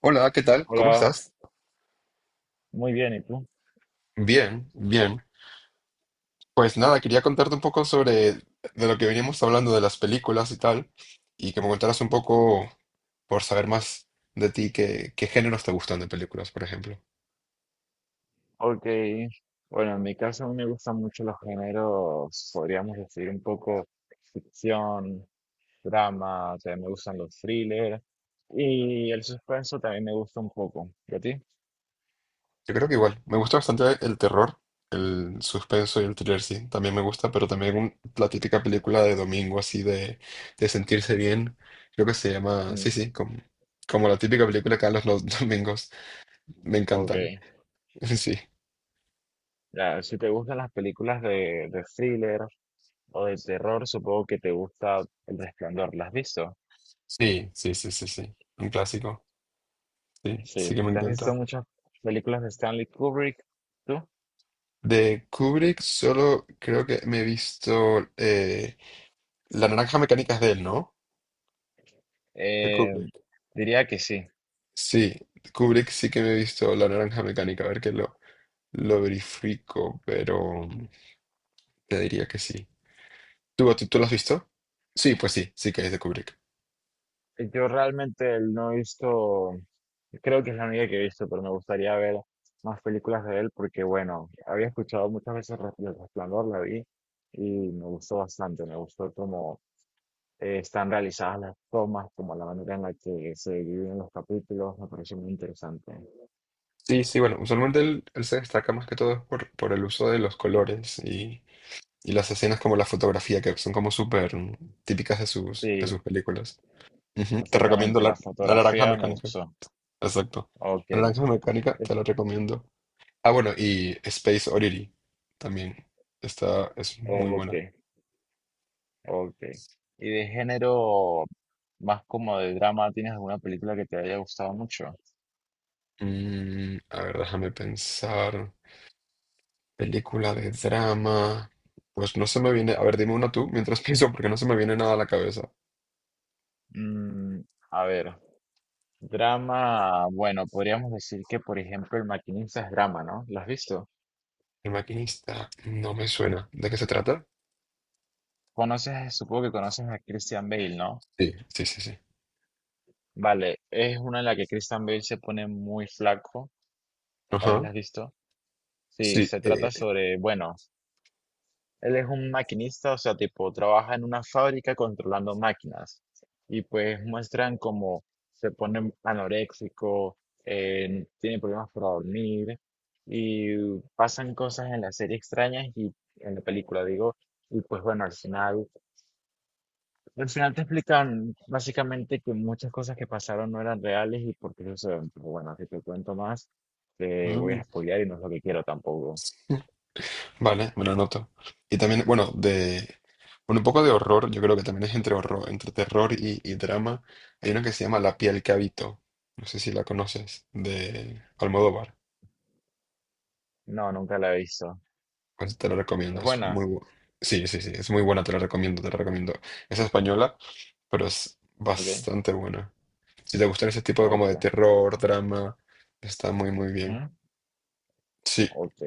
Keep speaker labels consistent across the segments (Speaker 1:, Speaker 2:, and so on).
Speaker 1: Hola, ¿qué tal? ¿Cómo
Speaker 2: Hola,
Speaker 1: estás?
Speaker 2: muy bien, ¿y tú?
Speaker 1: Bien, bien. Pues nada, quería contarte un poco sobre de lo que veníamos hablando de las películas y tal, y que me contaras un poco por saber más de ti qué géneros te gustan de películas, por ejemplo.
Speaker 2: Ok, bueno, en mi caso a mí me gustan mucho los géneros, podríamos decir un poco ficción, drama, también me gustan los thrillers y el suspenso también me gusta un poco. ¿Y a ti?
Speaker 1: Yo creo que igual, me gusta bastante el terror, el suspenso y el thriller, sí, también me gusta, pero también la típica película de domingo así de, sentirse bien, creo que se llama, sí,
Speaker 2: Mm,
Speaker 1: sí, como la típica película que dan los domingos, me
Speaker 2: ok,
Speaker 1: encantan, sí.
Speaker 2: ya, si te gustan las películas de thriller o de terror, supongo que te gusta El Resplandor, ¿las has visto?
Speaker 1: Sí, sí, sí, sí, sí. Un clásico. Sí, sí
Speaker 2: Sí,
Speaker 1: que me
Speaker 2: ¿te has visto
Speaker 1: encanta.
Speaker 2: muchas películas de Stanley Kubrick? ¿Tú?
Speaker 1: De Kubrick solo creo que me he visto La naranja mecánica es de él, ¿no? De
Speaker 2: Eh,
Speaker 1: Kubrick.
Speaker 2: Diría que sí.
Speaker 1: Sí, Kubrick sí que me he visto La naranja mecánica. A ver que lo verifico, pero te diría que sí. ¿Tú lo has visto? Sí, pues sí, sí que es de Kubrick.
Speaker 2: Yo realmente no he visto, creo que es la única que he visto, pero me gustaría ver más películas de él porque, bueno, había escuchado muchas veces Re- El Resplandor, la vi y me gustó bastante, me gustó cómo están realizadas las tomas, como la manera en la que se dividen los capítulos, me pareció muy interesante.
Speaker 1: Sí, sí, bueno, usualmente él se destaca más que todo por el uso de los colores y las escenas como la fotografía, que son como súper típicas de sus, de
Speaker 2: Sí,
Speaker 1: sus películas. Ujú, te recomiendo
Speaker 2: exactamente, la
Speaker 1: la Naranja
Speaker 2: fotografía me
Speaker 1: Mecánica.
Speaker 2: gustó.
Speaker 1: Exacto.
Speaker 2: Ok,
Speaker 1: La Naranja Mecánica te la recomiendo. Ah, bueno, y Space Oddity también. Esta es muy
Speaker 2: ok,
Speaker 1: buena.
Speaker 2: ok. ¿Y de género más como de drama, tienes alguna película que te haya gustado mucho?
Speaker 1: Mm, a ver, déjame pensar. Película de drama. Pues no se me viene. A ver, dime una tú mientras pienso, porque no se me viene nada a la cabeza.
Speaker 2: Mm, a ver, drama, bueno, podríamos decir que, por ejemplo, El Maquinista es drama, ¿no? ¿Lo has visto?
Speaker 1: El maquinista no me suena. ¿De qué se trata?
Speaker 2: Conoces, supongo que conoces a Christian Bale, ¿no?
Speaker 1: Sí, sí, sí, sí.
Speaker 2: Vale, es una en la que Christian Bale se pone muy flaco, tal vez la
Speaker 1: Ajá.
Speaker 2: has visto. Sí,
Speaker 1: Sí.
Speaker 2: se trata sobre, bueno, él es un maquinista, o sea, tipo, trabaja en una fábrica controlando máquinas. Y pues muestran cómo se pone anoréxico, tiene problemas para dormir, y pasan cosas en la serie extrañas y en la película, digo. Y pues bueno, al final te explican básicamente que muchas cosas que pasaron no eran reales y por qué suceden. Pero bueno, si te cuento más, te voy a
Speaker 1: Mm,
Speaker 2: spoilear y no es lo que quiero tampoco.
Speaker 1: Vale, me lo anoto. Y también, bueno, bueno, un poco de horror, yo creo que también es entre horror, entre terror y drama. Hay una que se llama La piel que habito. No sé si la conoces, de Almodóvar.
Speaker 2: No, nunca la he visto.
Speaker 1: Pues te la
Speaker 2: Es
Speaker 1: recomiendo, es muy
Speaker 2: buena,
Speaker 1: sí, sí, sí, es muy buena, te la recomiendo, te la recomiendo. Es española, pero es
Speaker 2: ¿ok?
Speaker 1: bastante buena. Si te gustan ese tipo de como
Speaker 2: Ok.
Speaker 1: de terror, drama, está muy, muy bien.
Speaker 2: Ujú,
Speaker 1: Sí.
Speaker 2: ok.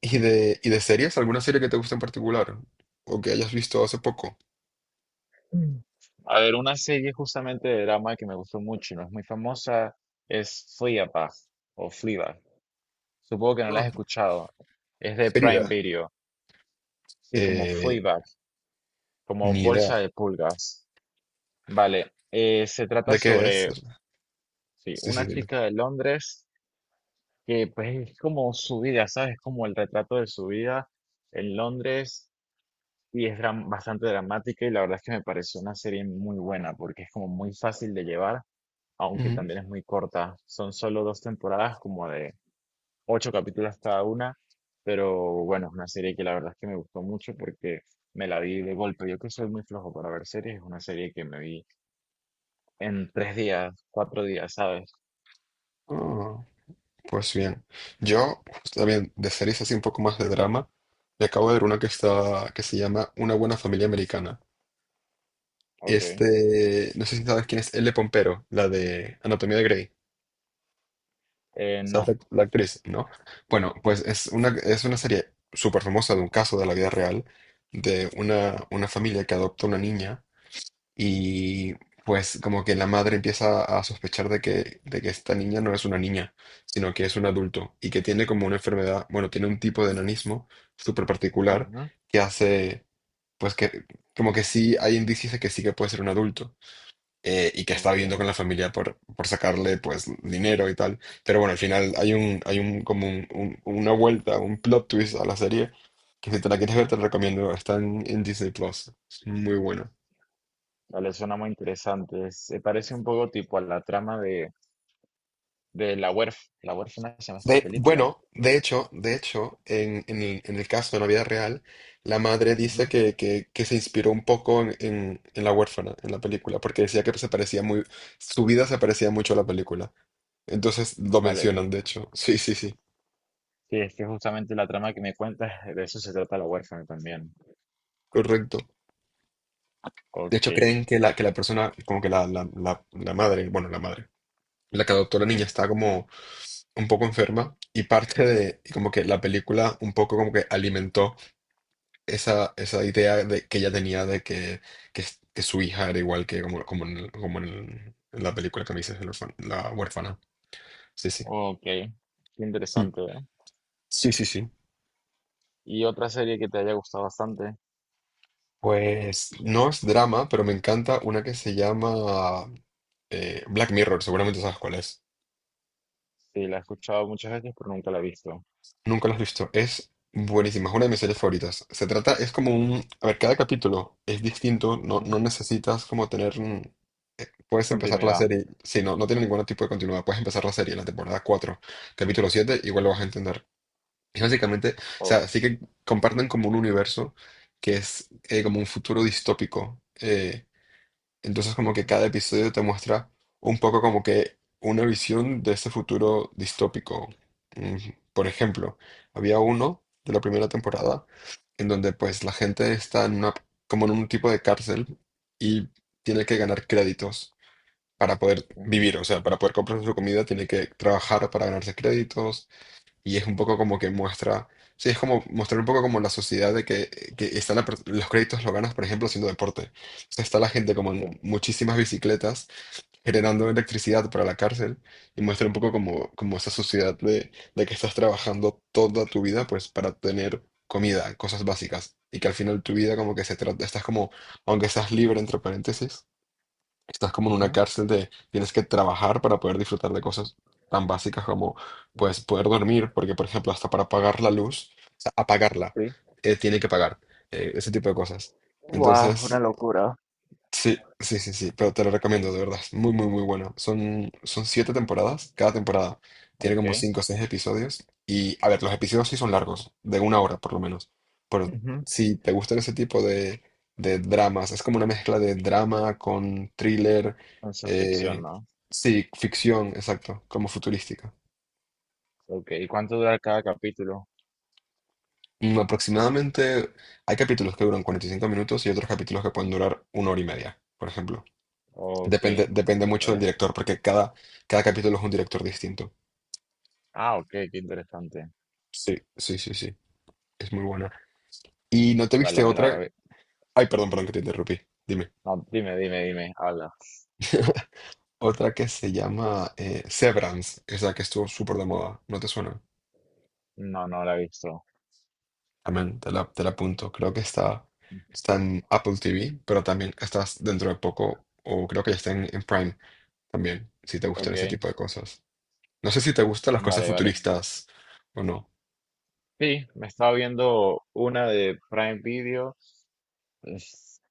Speaker 1: ¿Y de series? ¿Alguna serie que te guste en particular? ¿O que hayas visto hace poco?
Speaker 2: Mm. A ver, una serie justamente de drama que me gustó mucho y no es muy famosa es Fleabag o Fleabag. Supongo que no la has escuchado. Es de Prime
Speaker 1: Ferida.
Speaker 2: Video. Sí, como
Speaker 1: Eh,
Speaker 2: Fleabag, como
Speaker 1: ni idea
Speaker 2: bolsa de pulgas. Vale. Se trata
Speaker 1: de qué es.
Speaker 2: sobre, sí,
Speaker 1: Sí, sí,
Speaker 2: una
Speaker 1: dime.
Speaker 2: chica de Londres que pues es como su vida, ¿sabes? Como el retrato de su vida en Londres y es dram- bastante dramática y la verdad es que me pareció una serie muy buena porque es como muy fácil de llevar aunque
Speaker 1: Ujú.
Speaker 2: también es muy corta. Son solo dos temporadas, como de ocho capítulos cada una, pero bueno, es una serie que la verdad es que me gustó mucho porque me la vi de golpe. Yo que soy muy flojo para ver series, es una serie que me vi en 3 días, 4 días, ¿sabes?
Speaker 1: Ah, pues bien. Yo, pues, también, de series así un poco más de drama, me acabo de ver una que se llama Una buena familia americana.
Speaker 2: Ok.
Speaker 1: Este, no sé si sabes quién es Elle Pompero, la de Anatomía de Grey. ¿Sabes la,
Speaker 2: No.
Speaker 1: la actriz? ¿No? Bueno, pues es una, serie súper famosa de un caso de la vida real, de una familia que adopta una niña. Y pues como que la madre empieza a sospechar de que esta niña no es una niña, sino que es un adulto y que tiene como una enfermedad, bueno, tiene un tipo de enanismo súper particular
Speaker 2: Ujú,
Speaker 1: que hace, pues que como que sí hay indicios de que sí que puede ser un adulto, y que está
Speaker 2: ok.
Speaker 1: viviendo con la familia por sacarle pues dinero y tal. Pero bueno, al final hay un como una vuelta, un plot twist a la serie que si te la quieres ver
Speaker 2: Ujú.
Speaker 1: te la recomiendo, está en Disney Plus, es muy buena.
Speaker 2: Vale, suena muy interesante. Se parece un poco tipo a la trama de La Huérf- La huérfana se llama esta película.
Speaker 1: Bueno, de hecho, en el caso de la vida real, la madre dice
Speaker 2: Ujú.
Speaker 1: que se inspiró un poco en La huérfana, en la película, porque decía que se parecía muy, su vida se parecía mucho a la película. Entonces lo
Speaker 2: Vale,
Speaker 1: mencionan, de hecho. Sí, sí, sí,
Speaker 2: sí, es que justamente la trama que me cuentas, de eso se trata La huérfana también.
Speaker 1: correcto. De
Speaker 2: Ok.
Speaker 1: hecho, creen que la, persona, como que la madre, la que adoptó a la niña
Speaker 2: Ujú.
Speaker 1: está como un poco enferma y y como que la película un poco como que alimentó esa idea que ella tenía de que su hija era igual que como en la película que me dices, la huérfana. Sí, sí.
Speaker 2: Ok. Qué
Speaker 1: Mm.
Speaker 2: interesante, ¿no?
Speaker 1: Sí, sí, sí.
Speaker 2: ¿Y otra serie que te haya gustado bastante?
Speaker 1: Pues no es drama, pero me encanta una que se llama Black Mirror, seguramente sabes cuál es.
Speaker 2: Sí, la he escuchado muchas veces, pero nunca la he visto.
Speaker 1: Nunca lo has visto. Es buenísima, es una de mis series favoritas. Se trata, es como un. A ver, cada capítulo es distinto, no,
Speaker 2: Ujú.
Speaker 1: no necesitas como tener. Puedes empezar la
Speaker 2: Continuidad.
Speaker 1: serie, si no, no tiene ningún tipo de continuidad, puedes empezar la serie, en la temporada 4 capítulo 7 igual lo vas a
Speaker 2: Ujú.
Speaker 1: entender. Y básicamente, o
Speaker 2: Ok.
Speaker 1: sea, sí que comparten como un universo que es como un futuro distópico. Entonces como que
Speaker 2: Ujú.
Speaker 1: cada episodio te muestra un poco como que una visión de ese futuro distópico. Mm, Por ejemplo, había uno de la primera temporada en donde pues la gente está como en un tipo de cárcel y tiene que ganar créditos para poder
Speaker 2: Sí.
Speaker 1: vivir, o sea, para poder comprar su comida tiene que trabajar para ganarse créditos, y es un poco como que muestra, sí, es como mostrar un poco como la sociedad de que están los créditos lo ganas, por ejemplo, haciendo deporte. Entonces está la gente como en
Speaker 2: Sí.
Speaker 1: muchísimas bicicletas generando electricidad para la cárcel y muestra un poco como esa sociedad de que estás trabajando toda tu vida pues para tener comida, cosas básicas. Y que al final tu vida como que se trata, estás como, aunque seas libre entre paréntesis, estás como en una
Speaker 2: Ujú.
Speaker 1: cárcel de tienes que trabajar para poder disfrutar de cosas tan básicas como pues poder dormir, porque por ejemplo hasta para apagar la luz, o sea, apagarla,
Speaker 2: Sí.
Speaker 1: tiene que pagar, ese tipo de cosas.
Speaker 2: Guau,
Speaker 1: Entonces,
Speaker 2: una locura.
Speaker 1: Sí, sí, sí, sí, pero te lo recomiendo, de verdad. Es muy, muy, muy bueno. Son 7 temporadas. Cada temporada tiene
Speaker 2: Ok.
Speaker 1: como cinco o seis episodios. Y, a ver, los episodios sí son largos, de una hora por lo menos. Pero
Speaker 2: Ujú.
Speaker 1: si te gustan ese tipo de dramas, es como una mezcla de drama con thriller,
Speaker 2: Ciencia ficción,
Speaker 1: eh,
Speaker 2: ¿no?
Speaker 1: sí, ficción, exacto, como futurística.
Speaker 2: Ok. ¿Y cuánto dura cada capítulo?
Speaker 1: Aproximadamente hay capítulos que duran 45 minutos y otros capítulos que pueden durar una hora y media, por ejemplo.
Speaker 2: Ok.
Speaker 1: Depende mucho del
Speaker 2: Vale.
Speaker 1: director, porque cada capítulo es un director distinto.
Speaker 2: Ah, ok, qué interesante.
Speaker 1: Sí, sí, sí, sí. Es muy buena. ¿Y no te
Speaker 2: Vale,
Speaker 1: viste
Speaker 2: me
Speaker 1: otra?
Speaker 2: la...
Speaker 1: Ay, perdón, perdón que te interrumpí. Dime.
Speaker 2: No, dime, dime, dime. Habla.
Speaker 1: Otra que se llama Severance, esa que estuvo súper de moda. ¿No te suena?
Speaker 2: No, no la he visto.
Speaker 1: Amén, te la apunto. Creo que está en Apple TV, pero también estás dentro de poco, o creo que ya está en Prime también, si te gustan
Speaker 2: Ok,
Speaker 1: ese tipo de cosas. No sé si te gustan las cosas
Speaker 2: vale, vale.
Speaker 1: futuristas o no.
Speaker 2: Sí, me estaba viendo una de Prime Video, es-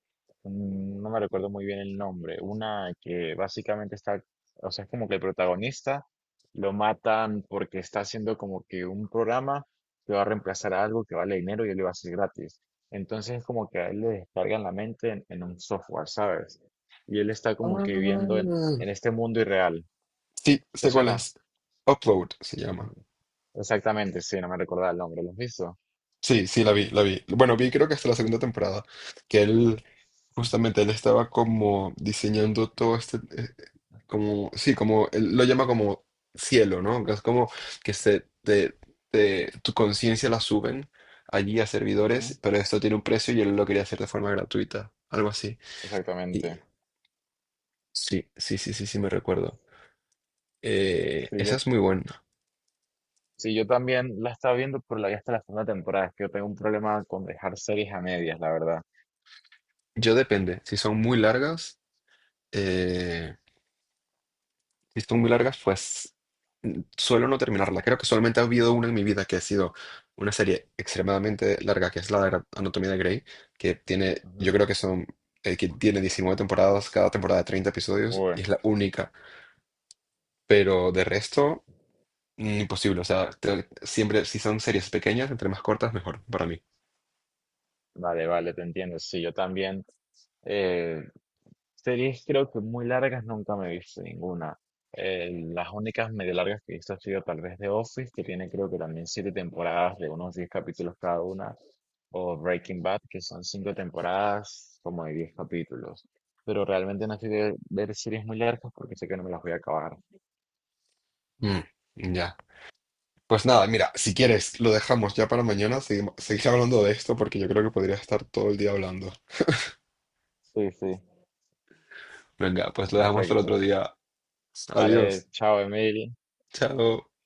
Speaker 2: no me recuerdo muy bien el nombre, una que básicamente está, o sea, es como que el protagonista lo matan porque está haciendo como que un programa que va a reemplazar a algo que vale dinero y él lo va a hacer gratis. Entonces es como que a él le descargan la mente en un software, ¿sabes? Y él está como
Speaker 1: Ah,
Speaker 2: que viviendo en este mundo irreal.
Speaker 1: sí,
Speaker 2: ¿Te
Speaker 1: sé cuál
Speaker 2: suena?
Speaker 1: es. Upload se llama.
Speaker 2: Exactamente, sí, no me recordaba el nombre, ¿lo has visto?
Speaker 1: Sí, sí, la vi, la vi. Bueno, vi creo que hasta la segunda temporada, que él, justamente, él estaba como diseñando todo este, como, sí, como, él lo llama como cielo, ¿no? Que es como que tu conciencia la suben allí a servidores,
Speaker 2: Ajá,
Speaker 1: pero esto tiene un precio y él lo quería hacer de forma gratuita, algo así. Y
Speaker 2: exactamente.
Speaker 1: sí, sí, sí, sí, sí, me recuerdo.
Speaker 2: Sí, yo,
Speaker 1: Esa es muy buena.
Speaker 2: sí, yo también la estaba viendo, pero la vi hasta la segunda temporada. Es que yo tengo un problema con dejar series a medias, la verdad.
Speaker 1: Yo depende, si son muy largas, eh... si son muy largas, pues suelo no terminarla. Creo que solamente ha habido una en mi vida que ha sido una serie extremadamente larga, que es la de Anatomía de Grey, que tiene, yo
Speaker 2: Ajá.
Speaker 1: creo que son, que tiene 19 temporadas, cada temporada de 30 episodios,
Speaker 2: Uy,
Speaker 1: y es la única. Pero de resto, imposible. O sea, siempre, si son series pequeñas, entre más cortas, mejor para mí.
Speaker 2: vale, vale, te entiendo. Sí, yo también. eh, series creo que muy largas nunca me he visto ninguna. Las únicas medio largas que he visto ha sido tal vez The Office, que tiene creo que también siete temporadas de unos diez capítulos cada una. O Breaking Bad, que son cinco temporadas, como de 10 capítulos. Pero realmente no estoy de ver series muy largas porque sé que no me las voy a acabar.
Speaker 1: Mm, ya. Pues nada, mira, si quieres, lo dejamos ya para mañana. Seguir hablando de esto porque yo creo que podría estar todo el día hablando.
Speaker 2: Sí, sí,
Speaker 1: Venga, pues lo dejamos para otro
Speaker 2: perfecto.
Speaker 1: día.
Speaker 2: Vale,
Speaker 1: Adiós.
Speaker 2: chao, Emil.
Speaker 1: Chao.